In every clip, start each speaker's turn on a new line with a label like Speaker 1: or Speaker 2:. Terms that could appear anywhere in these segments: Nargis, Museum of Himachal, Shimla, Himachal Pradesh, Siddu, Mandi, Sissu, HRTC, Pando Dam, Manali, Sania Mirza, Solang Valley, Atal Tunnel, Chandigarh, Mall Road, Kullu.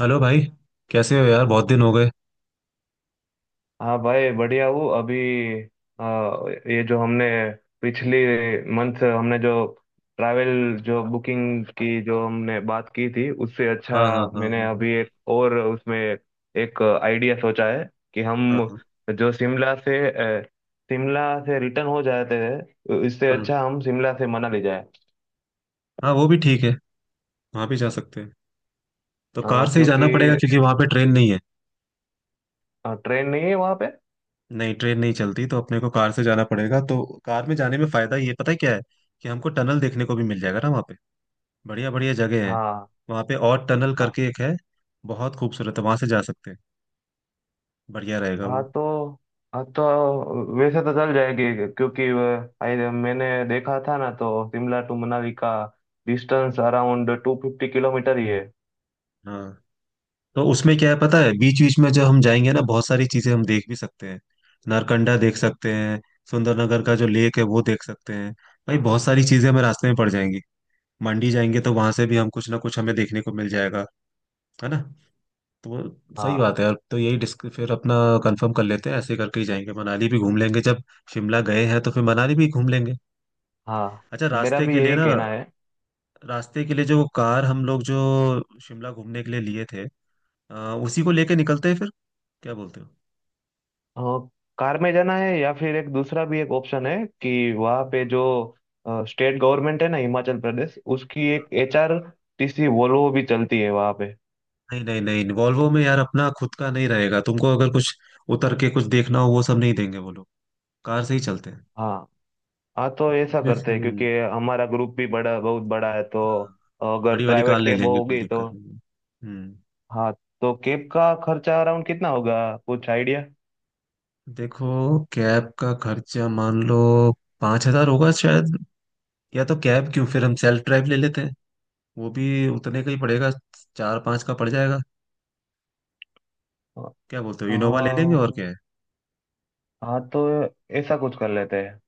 Speaker 1: Hello भाई। कैसे हो यार, बहुत दिन हो गए।
Speaker 2: हाँ भाई बढ़िया हूँ अभी। आ, ये जो हमने पिछली मंथ हमने जो ट्रैवल जो बुकिंग की जो हमने बात की थी, उससे अच्छा
Speaker 1: हाँ, हाँ, हाँ,
Speaker 2: मैंने
Speaker 1: हाँ,
Speaker 2: अभी एक और उसमें एक आइडिया सोचा है कि
Speaker 1: हाँ,
Speaker 2: हम
Speaker 1: हाँ,
Speaker 2: जो शिमला से अ, शिमला से रिटर्न हो जाते हैं, इससे
Speaker 1: हाँ,
Speaker 2: अच्छा हम शिमला से मनाली जाए।
Speaker 1: हाँ, वो भी ठीक है। वहाँ भी जा सकते हैं। तो कार से ही
Speaker 2: क्योंकि
Speaker 1: जाना पड़ेगा क्योंकि वहाँ पे ट्रेन नहीं है।
Speaker 2: ट्रेन नहीं है वहाँ पे।
Speaker 1: नहीं, ट्रेन नहीं चलती, तो अपने को कार से जाना पड़ेगा। तो कार में जाने में फायदा ये पता है क्या है कि हमको टनल देखने को भी मिल जाएगा ना वहाँ पे। बढ़िया बढ़िया जगह है
Speaker 2: हाँ।
Speaker 1: वहाँ पे। और टनल
Speaker 2: हाँ।
Speaker 1: करके एक है, बहुत खूबसूरत है, वहाँ से जा सकते हैं। बढ़िया रहेगा
Speaker 2: हाँ
Speaker 1: वो।
Speaker 2: तो हाँ तो वैसे तो चल जाएगी क्योंकि आई मैंने देखा था ना, तो शिमला टू मनाली का डिस्टेंस अराउंड 250 किलोमीटर ही है।
Speaker 1: हाँ, तो उसमें क्या है पता है, बीच बीच में जब हम जाएंगे ना बहुत सारी चीजें हम देख भी सकते हैं। नारकंडा देख सकते हैं। सुंदरनगर का जो लेक है वो देख सकते हैं। भाई बहुत सारी चीजें हमें रास्ते में पड़ जाएंगी। मंडी जाएंगे तो वहां से भी हम कुछ ना कुछ हमें देखने को मिल जाएगा। है ना। तो सही
Speaker 2: हाँ।
Speaker 1: बात है यार, तो यही डिस्क फिर अपना कंफर्म कर लेते हैं, ऐसे करके ही जाएंगे। मनाली भी घूम लेंगे, जब शिमला गए हैं तो फिर मनाली भी घूम लेंगे।
Speaker 2: हाँ,
Speaker 1: अच्छा,
Speaker 2: मेरा
Speaker 1: रास्ते
Speaker 2: भी
Speaker 1: के लिए
Speaker 2: यही
Speaker 1: ना,
Speaker 2: कहना है।
Speaker 1: रास्ते के लिए जो कार हम लोग जो शिमला घूमने के लिए लिए थे, उसी को लेके निकलते हैं फिर। क्या बोलते हो?
Speaker 2: और कार में जाना है या फिर एक दूसरा भी एक ऑप्शन है कि वहाँ पे जो स्टेट गवर्नमेंट है ना, हिमाचल प्रदेश, उसकी एक HRTC वोल्वो भी चलती है वहाँ पे।
Speaker 1: नहीं नहीं नहीं, वॉल्वो में यार अपना खुद का नहीं रहेगा। तुमको अगर कुछ उतर के कुछ देखना हो वो सब नहीं देंगे वो लोग। कार से ही चलते हैं।
Speaker 2: हाँ। हाँ तो ऐसा करते हैं
Speaker 1: हम्म।
Speaker 2: क्योंकि हमारा ग्रुप भी बड़ा बहुत बड़ा है, तो
Speaker 1: हाँ,
Speaker 2: अगर
Speaker 1: बड़ी वाली कार
Speaker 2: प्राइवेट
Speaker 1: ले
Speaker 2: कैब
Speaker 1: लेंगे, कोई
Speaker 2: होगी
Speaker 1: दिक्कत
Speaker 2: तो।
Speaker 1: नहीं है। हम्म।
Speaker 2: हाँ तो केप का खर्चा अराउंड कितना होगा, कुछ आइडिया?
Speaker 1: देखो कैब का खर्चा मान लो 5,000 होगा शायद। या तो कैब क्यों, फिर हम सेल्फ ड्राइव ले लेते हैं, वो भी उतने का ही पड़ेगा, चार पांच का पड़ जाएगा। क्या बोलते हो, इनोवा ले लेंगे
Speaker 2: हाँ।
Speaker 1: और क्या है।
Speaker 2: हाँ तो ऐसा कुछ कर लेते हैं।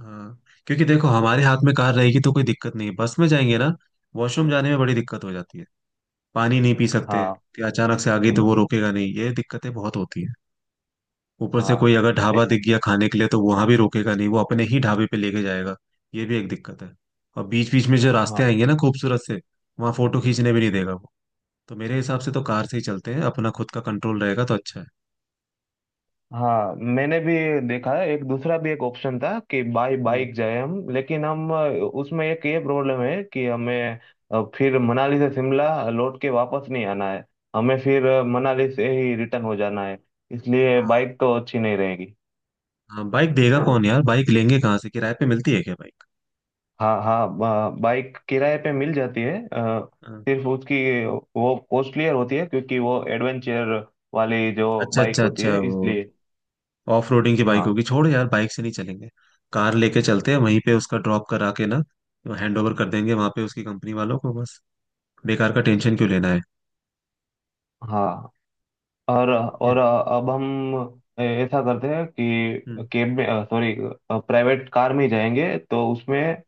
Speaker 1: हाँ, क्योंकि देखो हमारे हाथ में कार रहेगी तो कोई दिक्कत नहीं है। बस में जाएंगे ना, वॉशरूम जाने में बड़ी दिक्कत हो जाती है। पानी नहीं पी सकते
Speaker 2: हाँ।
Speaker 1: कि अचानक से आ गई तो वो रोकेगा नहीं, ये दिक्कतें बहुत होती हैं। ऊपर से
Speaker 2: हाँ।
Speaker 1: कोई अगर ढाबा
Speaker 2: ए,
Speaker 1: दिख गया खाने के लिए तो वहां भी रोकेगा नहीं, वो अपने ही ढाबे पे लेके जाएगा। ये भी एक दिक्कत है। और बीच बीच में जो रास्ते
Speaker 2: हाँ।
Speaker 1: आएंगे ना खूबसूरत से, वहां फोटो खींचने भी नहीं देगा वो। तो मेरे हिसाब से तो कार से ही चलते हैं, अपना खुद का कंट्रोल रहेगा तो अच्छा है।
Speaker 2: हाँ मैंने भी देखा है, एक दूसरा भी एक ऑप्शन था कि बाई
Speaker 1: हम्म।
Speaker 2: बाइक जाए हम, लेकिन हम उसमें एक ये प्रॉब्लम है कि हमें फिर मनाली से शिमला लौट के वापस नहीं आना है, हमें फिर मनाली से ही रिटर्न हो जाना है, इसलिए
Speaker 1: हाँ,
Speaker 2: बाइक तो अच्छी नहीं रहेगी।
Speaker 1: हाँ, बाइक देगा कौन यार, बाइक लेंगे कहाँ से? किराए पे मिलती है क्या बाइक?
Speaker 2: हाँ, हाँ बाइक किराए पे मिल जाती है।
Speaker 1: हाँ,
Speaker 2: सिर्फ उसकी वो कॉस्टलियर होती है क्योंकि वो एडवेंचर वाली जो
Speaker 1: अच्छा
Speaker 2: बाइक
Speaker 1: अच्छा
Speaker 2: होती
Speaker 1: अच्छा,
Speaker 2: है,
Speaker 1: वो
Speaker 2: इसलिए।
Speaker 1: ऑफ रोडिंग की बाइक
Speaker 2: हाँ।
Speaker 1: होगी। छोड़ यार, बाइक से नहीं चलेंगे, कार लेके चलते हैं। वहीं पे उसका ड्रॉप करा के ना हैंड ओवर कर देंगे वहां पे उसकी कंपनी वालों को बस। बेकार का टेंशन क्यों लेना है।
Speaker 2: हाँ। और
Speaker 1: हम्म।
Speaker 2: अब हम ऐसा करते हैं कि
Speaker 1: हम्म।
Speaker 2: कैब में, सॉरी, प्राइवेट कार में जाएंगे तो उसमें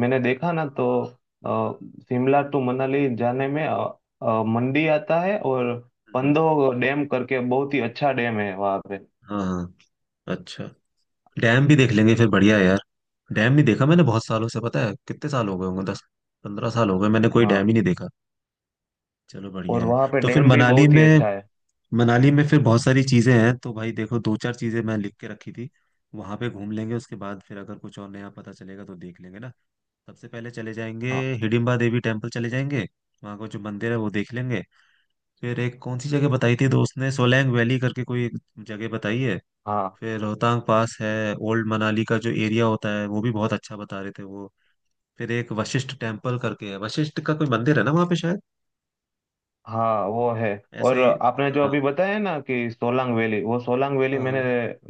Speaker 2: मैंने देखा ना, तो अ, शिमला टू मनाली जाने में मंडी आता है और
Speaker 1: हम्म।
Speaker 2: पंदो डैम करके, बहुत ही अच्छा डैम है वहाँ पे।
Speaker 1: हाँ हाँ, अच्छा, डैम भी देख लेंगे फिर, बढ़िया है यार। डैम नहीं देखा मैंने बहुत सालों से, पता है कितने साल हो गए होंगे? 10-15 साल हो गए, मैंने कोई
Speaker 2: हाँ,
Speaker 1: डैम ही नहीं देखा। चलो बढ़िया
Speaker 2: और
Speaker 1: है।
Speaker 2: वहाँ पे
Speaker 1: तो फिर
Speaker 2: डैम भी
Speaker 1: मनाली
Speaker 2: बहुत ही
Speaker 1: में,
Speaker 2: अच्छा है।
Speaker 1: मनाली में फिर बहुत सारी चीजें हैं, तो भाई देखो दो चार चीजें मैं लिख के रखी थी, वहां पे घूम लेंगे, उसके बाद फिर अगर कुछ और नया पता चलेगा तो देख लेंगे ना। सबसे पहले चले जाएंगे
Speaker 2: हाँ।
Speaker 1: हिडिंबा देवी टेम्पल चले जाएंगे, वहाँ का जो मंदिर है वो देख लेंगे। फिर एक कौन सी जगह बताई थी दोस्त ने, सोलैंग वैली करके कोई एक जगह बताई है।
Speaker 2: हाँ।
Speaker 1: फिर रोहतांग पास है। ओल्ड मनाली का जो एरिया होता है वो भी बहुत अच्छा बता रहे थे वो। फिर एक वशिष्ठ टेम्पल करके है, वशिष्ठ का कोई मंदिर है ना वहाँ पे शायद,
Speaker 2: हाँ वो है।
Speaker 1: ऐसा
Speaker 2: और
Speaker 1: ही।
Speaker 2: आपने जो अभी
Speaker 1: हाँ,
Speaker 2: बताया ना कि सोलांग वैली, वो सोलांग वैली मैंने,
Speaker 1: हाँ,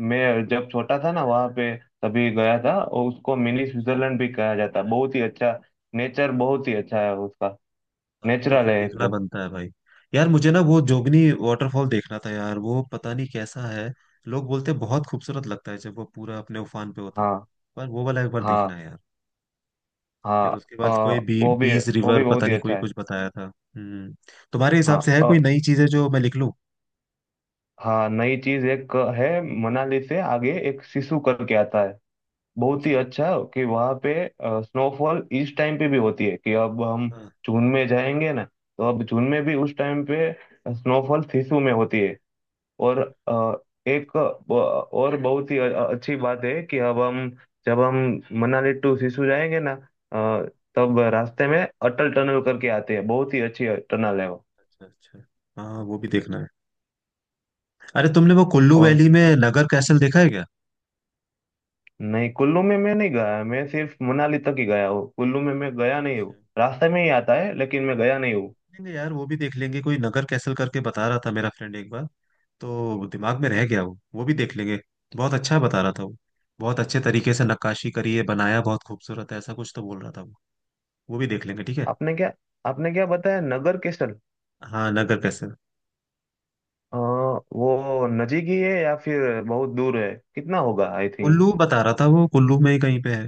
Speaker 2: मैं जब छोटा था ना वहाँ पे, तभी गया था, और उसको मिनी
Speaker 1: हाँ।
Speaker 2: स्विट्जरलैंड भी कहा जाता है। बहुत ही अच्छा नेचर, बहुत ही अच्छा है उसका।
Speaker 1: अब तो
Speaker 2: नेचुरल
Speaker 1: फिर
Speaker 2: है
Speaker 1: देखना
Speaker 2: एकदम।
Speaker 1: बनता है भाई। यार मुझे ना वो जोगनी वाटरफॉल देखना था यार, वो पता नहीं कैसा है। लोग बोलते हैं बहुत खूबसूरत लगता है जब वो पूरा अपने उफान पे होता है।
Speaker 2: हाँ।
Speaker 1: पर वो वाला एक बार देखना
Speaker 2: हाँ।
Speaker 1: है यार।
Speaker 2: हाँ।
Speaker 1: फिर उसके
Speaker 2: अ,
Speaker 1: बाद कोई बी
Speaker 2: वो भी
Speaker 1: बीस रिवर, पता
Speaker 2: बहुत ही
Speaker 1: नहीं कोई
Speaker 2: अच्छा है।
Speaker 1: कुछ बताया था। हम्म। तुम्हारे हिसाब
Speaker 2: हाँ।
Speaker 1: से है कोई नई चीजें जो मैं लिख लूं?
Speaker 2: हाँ, नई चीज एक है। मनाली से आगे एक सिसु करके आता है, बहुत ही
Speaker 1: अच्छा।
Speaker 2: अच्छा। कि वहाँ पे स्नोफॉल इस टाइम पे भी होती है, कि अब हम
Speaker 1: हाँ।
Speaker 2: जून में जाएंगे ना, तो अब जून में भी उस टाइम पे स्नोफॉल सिसु में होती है। और अ, एक ब- और बहुत ही अच्छी बात है कि अब हम जब हम मनाली टू सिसु जाएंगे ना, अ, तब रास्ते में अटल टनल करके आते हैं, बहुत ही अच्छी टनल है वो।
Speaker 1: अच्छा अच्छा। हाँ वो भी देखना है। अरे तुमने वो कुल्लू
Speaker 2: और
Speaker 1: वैली में नगर कैसल देखा है क्या?
Speaker 2: नहीं, कुल्लू में मैं नहीं गया, मैं सिर्फ मनाली तक ही गया हूँ। कुल्लू में मैं गया नहीं
Speaker 1: अच्छा,
Speaker 2: हूँ, रास्ते में ही आता है लेकिन मैं गया नहीं हूँ।
Speaker 1: लेंगे यार, वो भी देख लेंगे। कोई नगर कैसल करके बता रहा था मेरा फ्रेंड एक बार, तो दिमाग में रह गया वो भी देख लेंगे। बहुत अच्छा बता रहा था वो। बहुत अच्छे तरीके से नक्काशी करी है, बनाया बहुत खूबसूरत है, ऐसा कुछ तो बोल रहा था वो। वो भी देख लेंगे, ठीक है।
Speaker 2: आपने क्या आपने क्या बताया, नगर केसल?
Speaker 1: हाँ नगर कैसल।
Speaker 2: वो नजीक ही है या फिर बहुत दूर है, कितना होगा? आई
Speaker 1: कुल्लू
Speaker 2: थिंक
Speaker 1: बता रहा था वो, कुल्लू में ही कहीं पे है।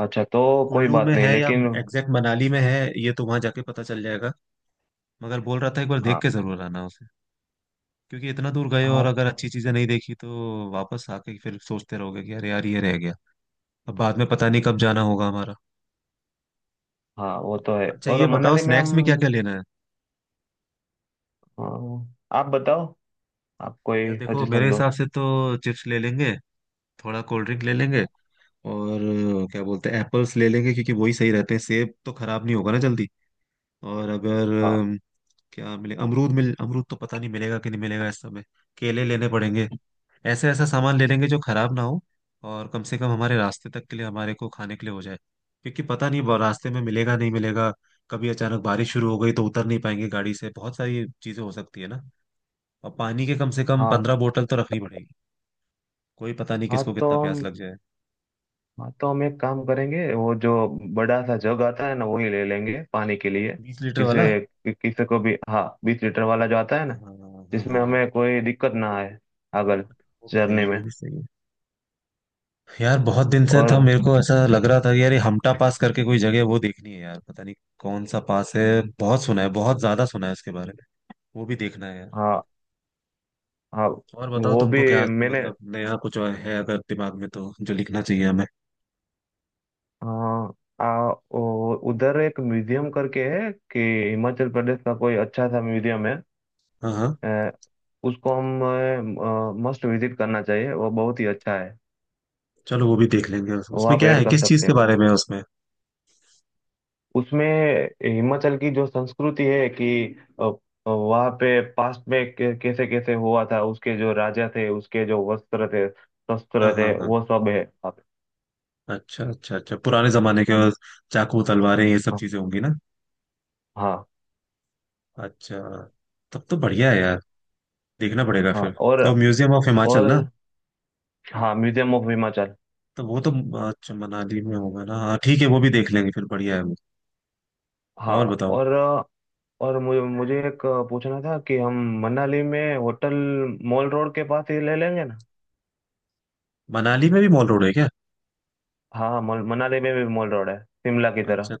Speaker 2: अच्छा तो कोई
Speaker 1: कुल्लू में
Speaker 2: बात
Speaker 1: है
Speaker 2: नहीं,
Speaker 1: या
Speaker 2: लेकिन।
Speaker 1: एग्जैक्ट मनाली में है ये तो वहां जाके पता चल जाएगा। मगर बोल रहा था एक बार देख
Speaker 2: हाँ।
Speaker 1: के जरूर आना उसे, क्योंकि इतना दूर गए और
Speaker 2: हाँ।
Speaker 1: अगर अच्छी चीजें नहीं देखी तो वापस आके फिर सोचते रहोगे कि अरे यार ये रह गया। अब बाद में पता नहीं कब जाना होगा हमारा।
Speaker 2: हाँ वो तो है।
Speaker 1: अच्छा ये
Speaker 2: और
Speaker 1: बताओ,
Speaker 2: मनाली में
Speaker 1: स्नैक्स में क्या क्या
Speaker 2: हम
Speaker 1: लेना है?
Speaker 2: अ, आप बताओ, आप
Speaker 1: यार
Speaker 2: कोई
Speaker 1: देखो मेरे
Speaker 2: सजेशन दो।
Speaker 1: हिसाब से तो चिप्स ले लेंगे, थोड़ा कोल्ड ड्रिंक ले लेंगे। और क्या बोलते हैं एप्पल्स ले लेंगे, क्योंकि वही सही रहते हैं। सेब तो खराब नहीं होगा ना जल्दी। और अगर
Speaker 2: हाँ।
Speaker 1: अम, क्या मिले, अमरूद मिल, अमरूद तो पता नहीं मिलेगा कि नहीं मिलेगा इस समय। केले लेने पड़ेंगे। ऐसे ऐसा सामान ले लेंगे जो खराब ना हो। और कम से कम हमारे रास्ते तक के लिए हमारे को खाने के लिए हो जाए, क्योंकि पता नहीं रास्ते में मिलेगा नहीं मिलेगा। कभी अचानक बारिश शुरू हो गई तो उतर नहीं पाएंगे गाड़ी से, बहुत सारी चीजें हो सकती है ना। और पानी के कम से कम
Speaker 2: हाँ।
Speaker 1: 15 बोतल तो रखनी पड़ेगी। कोई पता नहीं
Speaker 2: हाँ
Speaker 1: किसको
Speaker 2: तो
Speaker 1: कितना प्यास
Speaker 2: हम
Speaker 1: लग जाए।
Speaker 2: हाँ तो हम एक काम करेंगे, वो जो बड़ा सा जग आता है ना, वही ले लेंगे पानी के लिए,
Speaker 1: 20 लीटर वाला।
Speaker 2: किसी को भी। हाँ, 20 लीटर वाला जो आता है ना,
Speaker 1: हाँ हाँ हाँ
Speaker 2: जिसमें
Speaker 1: हाँ,
Speaker 2: हमें कोई दिक्कत ना आए अगर
Speaker 1: वो भी सही
Speaker 2: जर्नी
Speaker 1: है, वो
Speaker 2: में।
Speaker 1: भी सही है। यार बहुत दिन से था
Speaker 2: और
Speaker 1: मेरे को, ऐसा लग रहा था कि यार ये हमटा पास करके कोई जगह है, वो देखनी है यार, पता नहीं कौन सा पास है। बहुत सुना है, बहुत ज्यादा सुना है उसके बारे में। वो भी देखना है यार।
Speaker 2: हाँ। हाँ
Speaker 1: और बताओ
Speaker 2: वो भी।
Speaker 1: तुमको क्या
Speaker 2: मैंने,
Speaker 1: मतलब नया कुछ और है अगर दिमाग में तो, जो लिखना चाहिए हमें।
Speaker 2: हाँ उधर एक म्यूजियम करके है, कि हिमाचल प्रदेश का कोई अच्छा सा म्यूजियम है।
Speaker 1: हाँ हाँ,
Speaker 2: अ, उसको हम मस्ट विजिट करना चाहिए, वो बहुत ही अच्छा है।
Speaker 1: चलो वो भी देख लेंगे।
Speaker 2: वो
Speaker 1: उसमें
Speaker 2: आप
Speaker 1: क्या
Speaker 2: ऐड
Speaker 1: है,
Speaker 2: कर
Speaker 1: किस चीज
Speaker 2: सकते
Speaker 1: के
Speaker 2: हो।
Speaker 1: बारे में है उसमें?
Speaker 2: उसमें हिमाचल की जो संस्कृति है, कि अ, वहाँ पे पास्ट में कैसे कैसे हुआ था, उसके जो राजा थे, उसके जो वस्त्र थे, शस्त्र
Speaker 1: हाँ
Speaker 2: थे,
Speaker 1: हाँ हाँ,
Speaker 2: वो सब है वहाँ पे।
Speaker 1: अच्छा अच्छा अच्छा, पुराने जमाने के और चाकू तलवारें ये सब
Speaker 2: हाँ।
Speaker 1: चीजें होंगी ना।
Speaker 2: हाँ।
Speaker 1: अच्छा, तब तो बढ़िया है यार, देखना पड़ेगा
Speaker 2: हाँ।
Speaker 1: फिर। तो म्यूजियम ऑफ
Speaker 2: और
Speaker 1: हिमाचल ना।
Speaker 2: हाँ, म्यूजियम ऑफ हिमाचल।
Speaker 1: तो वो तो, अच्छा मनाली में होगा ना, हाँ ठीक है, वो भी देख लेंगे फिर, बढ़िया है वो।
Speaker 2: हाँ।
Speaker 1: और बताओ।
Speaker 2: और और मुझे मुझे एक पूछना था कि हम मनाली में होटल मॉल रोड के पास ही ले लेंगे ना?
Speaker 1: मनाली में भी मॉल रोड है क्या?
Speaker 2: हाँ मनाली में भी मॉल रोड है, शिमला की तरह।
Speaker 1: अच्छा,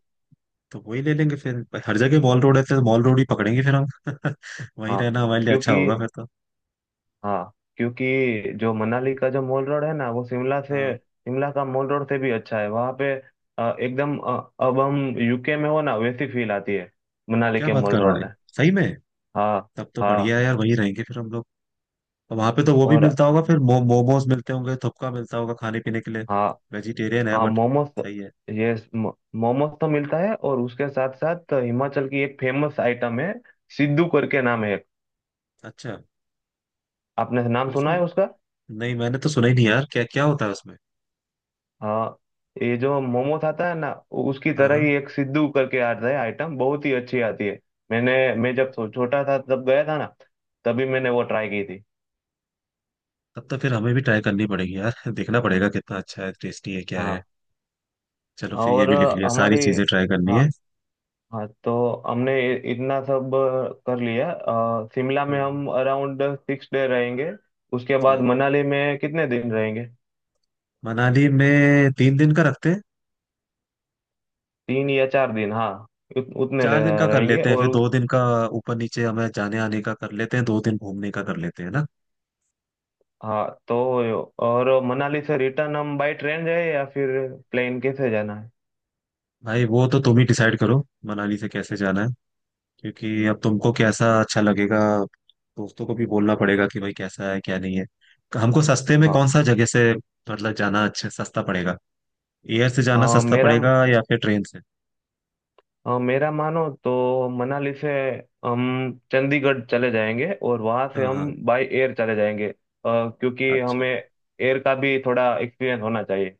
Speaker 1: तो वही ले लेंगे फिर, पर हर जगह मॉल रोड है तो मॉल रोड ही पकड़ेंगे फिर हम वहीं
Speaker 2: हाँ।
Speaker 1: रहना हमारे लिए अच्छा
Speaker 2: क्योंकि
Speaker 1: होगा फिर तो।
Speaker 2: हाँ क्योंकि जो मनाली का जो मॉल रोड है ना, वो शिमला से,
Speaker 1: हाँ,
Speaker 2: शिमला का मॉल रोड से भी अच्छा है वहाँ पे। एकदम। अब हम यूके में हो ना, वैसी फील आती है मनाली
Speaker 1: क्या
Speaker 2: के
Speaker 1: बात
Speaker 2: मॉल
Speaker 1: कर रहा
Speaker 2: रोड
Speaker 1: है,
Speaker 2: में।
Speaker 1: सही में?
Speaker 2: हाँ।
Speaker 1: तब तो
Speaker 2: हाँ
Speaker 1: बढ़िया है यार, वहीं रहेंगे फिर हम लोग। वहां पे तो वो भी
Speaker 2: और।
Speaker 1: मिलता होगा फिर, मोमोज मिलते होंगे, थपका मिलता होगा खाने पीने के लिए।
Speaker 2: हाँ।
Speaker 1: वेजिटेरियन है
Speaker 2: हाँ
Speaker 1: बट
Speaker 2: मोमोस,
Speaker 1: सही है।
Speaker 2: ये मोमोस तो मिलता है, और उसके साथ साथ हिमाचल की एक फेमस आइटम है सिद्धू करके, नाम है एक।
Speaker 1: अच्छा,
Speaker 2: आपने नाम सुना
Speaker 1: उसमें,
Speaker 2: है उसका?
Speaker 1: नहीं मैंने तो सुना ही नहीं यार, क्या क्या होता है उसमें?
Speaker 2: हाँ, ये जो मोमोस आता है ना, उसकी
Speaker 1: हाँ
Speaker 2: तरह
Speaker 1: हाँ,
Speaker 2: ही एक सिद्धू करके आता है आइटम, बहुत ही अच्छी आती है। मैंने मैं जब छोटा था तब गया था ना, तभी मैंने वो ट्राई की थी।
Speaker 1: तब तो फिर हमें भी ट्राई करनी पड़ेगी यार देखना पड़ेगा कितना अच्छा है, टेस्टी है क्या है।
Speaker 2: हाँ
Speaker 1: चलो फिर ये
Speaker 2: और
Speaker 1: भी लिख लिया,
Speaker 2: अ,
Speaker 1: सारी
Speaker 2: हमारी
Speaker 1: चीजें ट्राई करनी है।
Speaker 2: हाँ। हाँ तो हमने इतना सब कर लिया। शिमला में
Speaker 1: हम्म।
Speaker 2: हम अराउंड 6 डे रहेंगे, उसके बाद
Speaker 1: हाँ,
Speaker 2: मनाली में कितने दिन रहेंगे?
Speaker 1: मनाली में 3 दिन का रखते हैं।
Speaker 2: 3 या 4 दिन हाँ, उत, उतने
Speaker 1: चार
Speaker 2: ले-
Speaker 1: दिन का कर
Speaker 2: रहेंगे।
Speaker 1: लेते हैं फिर,
Speaker 2: और
Speaker 1: 2 दिन का ऊपर नीचे हमें जाने आने का कर लेते हैं, 2 दिन घूमने का कर लेते हैं ना।
Speaker 2: हाँ तो, और मनाली से रिटर्न हम बाई ट्रेन जाए या फिर प्लेन, कैसे जाना है?
Speaker 1: भाई वो तो तुम ही डिसाइड करो मनाली से कैसे जाना है, क्योंकि अब तुमको कैसा अच्छा लगेगा, दोस्तों को भी बोलना पड़ेगा कि भाई कैसा है क्या नहीं है। हमको सस्ते में
Speaker 2: हाँ
Speaker 1: कौन सा जगह से मतलब जाना अच्छा सस्ता पड़ेगा, एयर से जाना
Speaker 2: अ,
Speaker 1: सस्ता
Speaker 2: मेरा
Speaker 1: पड़ेगा या फिर ट्रेन से।
Speaker 2: मेरा मानो तो मनाली से हम चंडीगढ़ चले जाएंगे, और वहाँ से
Speaker 1: हाँ हाँ,
Speaker 2: हम बाई एयर चले जाएंगे। क्योंकि
Speaker 1: अच्छा,
Speaker 2: हमें एयर का भी थोड़ा एक्सपीरियंस होना चाहिए।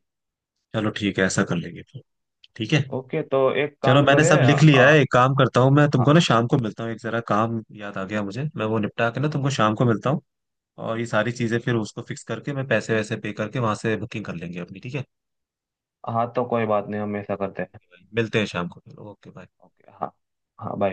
Speaker 1: चलो ठीक है, ऐसा कर लेंगे फिर, ठीक है।
Speaker 2: ओके, तो एक
Speaker 1: चलो
Speaker 2: काम
Speaker 1: मैंने
Speaker 2: करें
Speaker 1: सब लिख लिया है, एक काम करता हूँ मैं, तुमको
Speaker 2: हाँ।
Speaker 1: ना शाम को मिलता हूँ, एक जरा काम याद आ गया मुझे, मैं वो निपटा के ना तुमको शाम को मिलता हूँ। और ये सारी चीजें फिर उसको फिक्स करके मैं पैसे वैसे पे करके वहां से बुकिंग कर लेंगे अपनी, ठीक है।
Speaker 2: हाँ तो कोई बात नहीं, हम ऐसा करते हैं।
Speaker 1: मिलते हैं शाम को फिर, ओके बाय।
Speaker 2: ओके। हाँ। हाँ, बाय।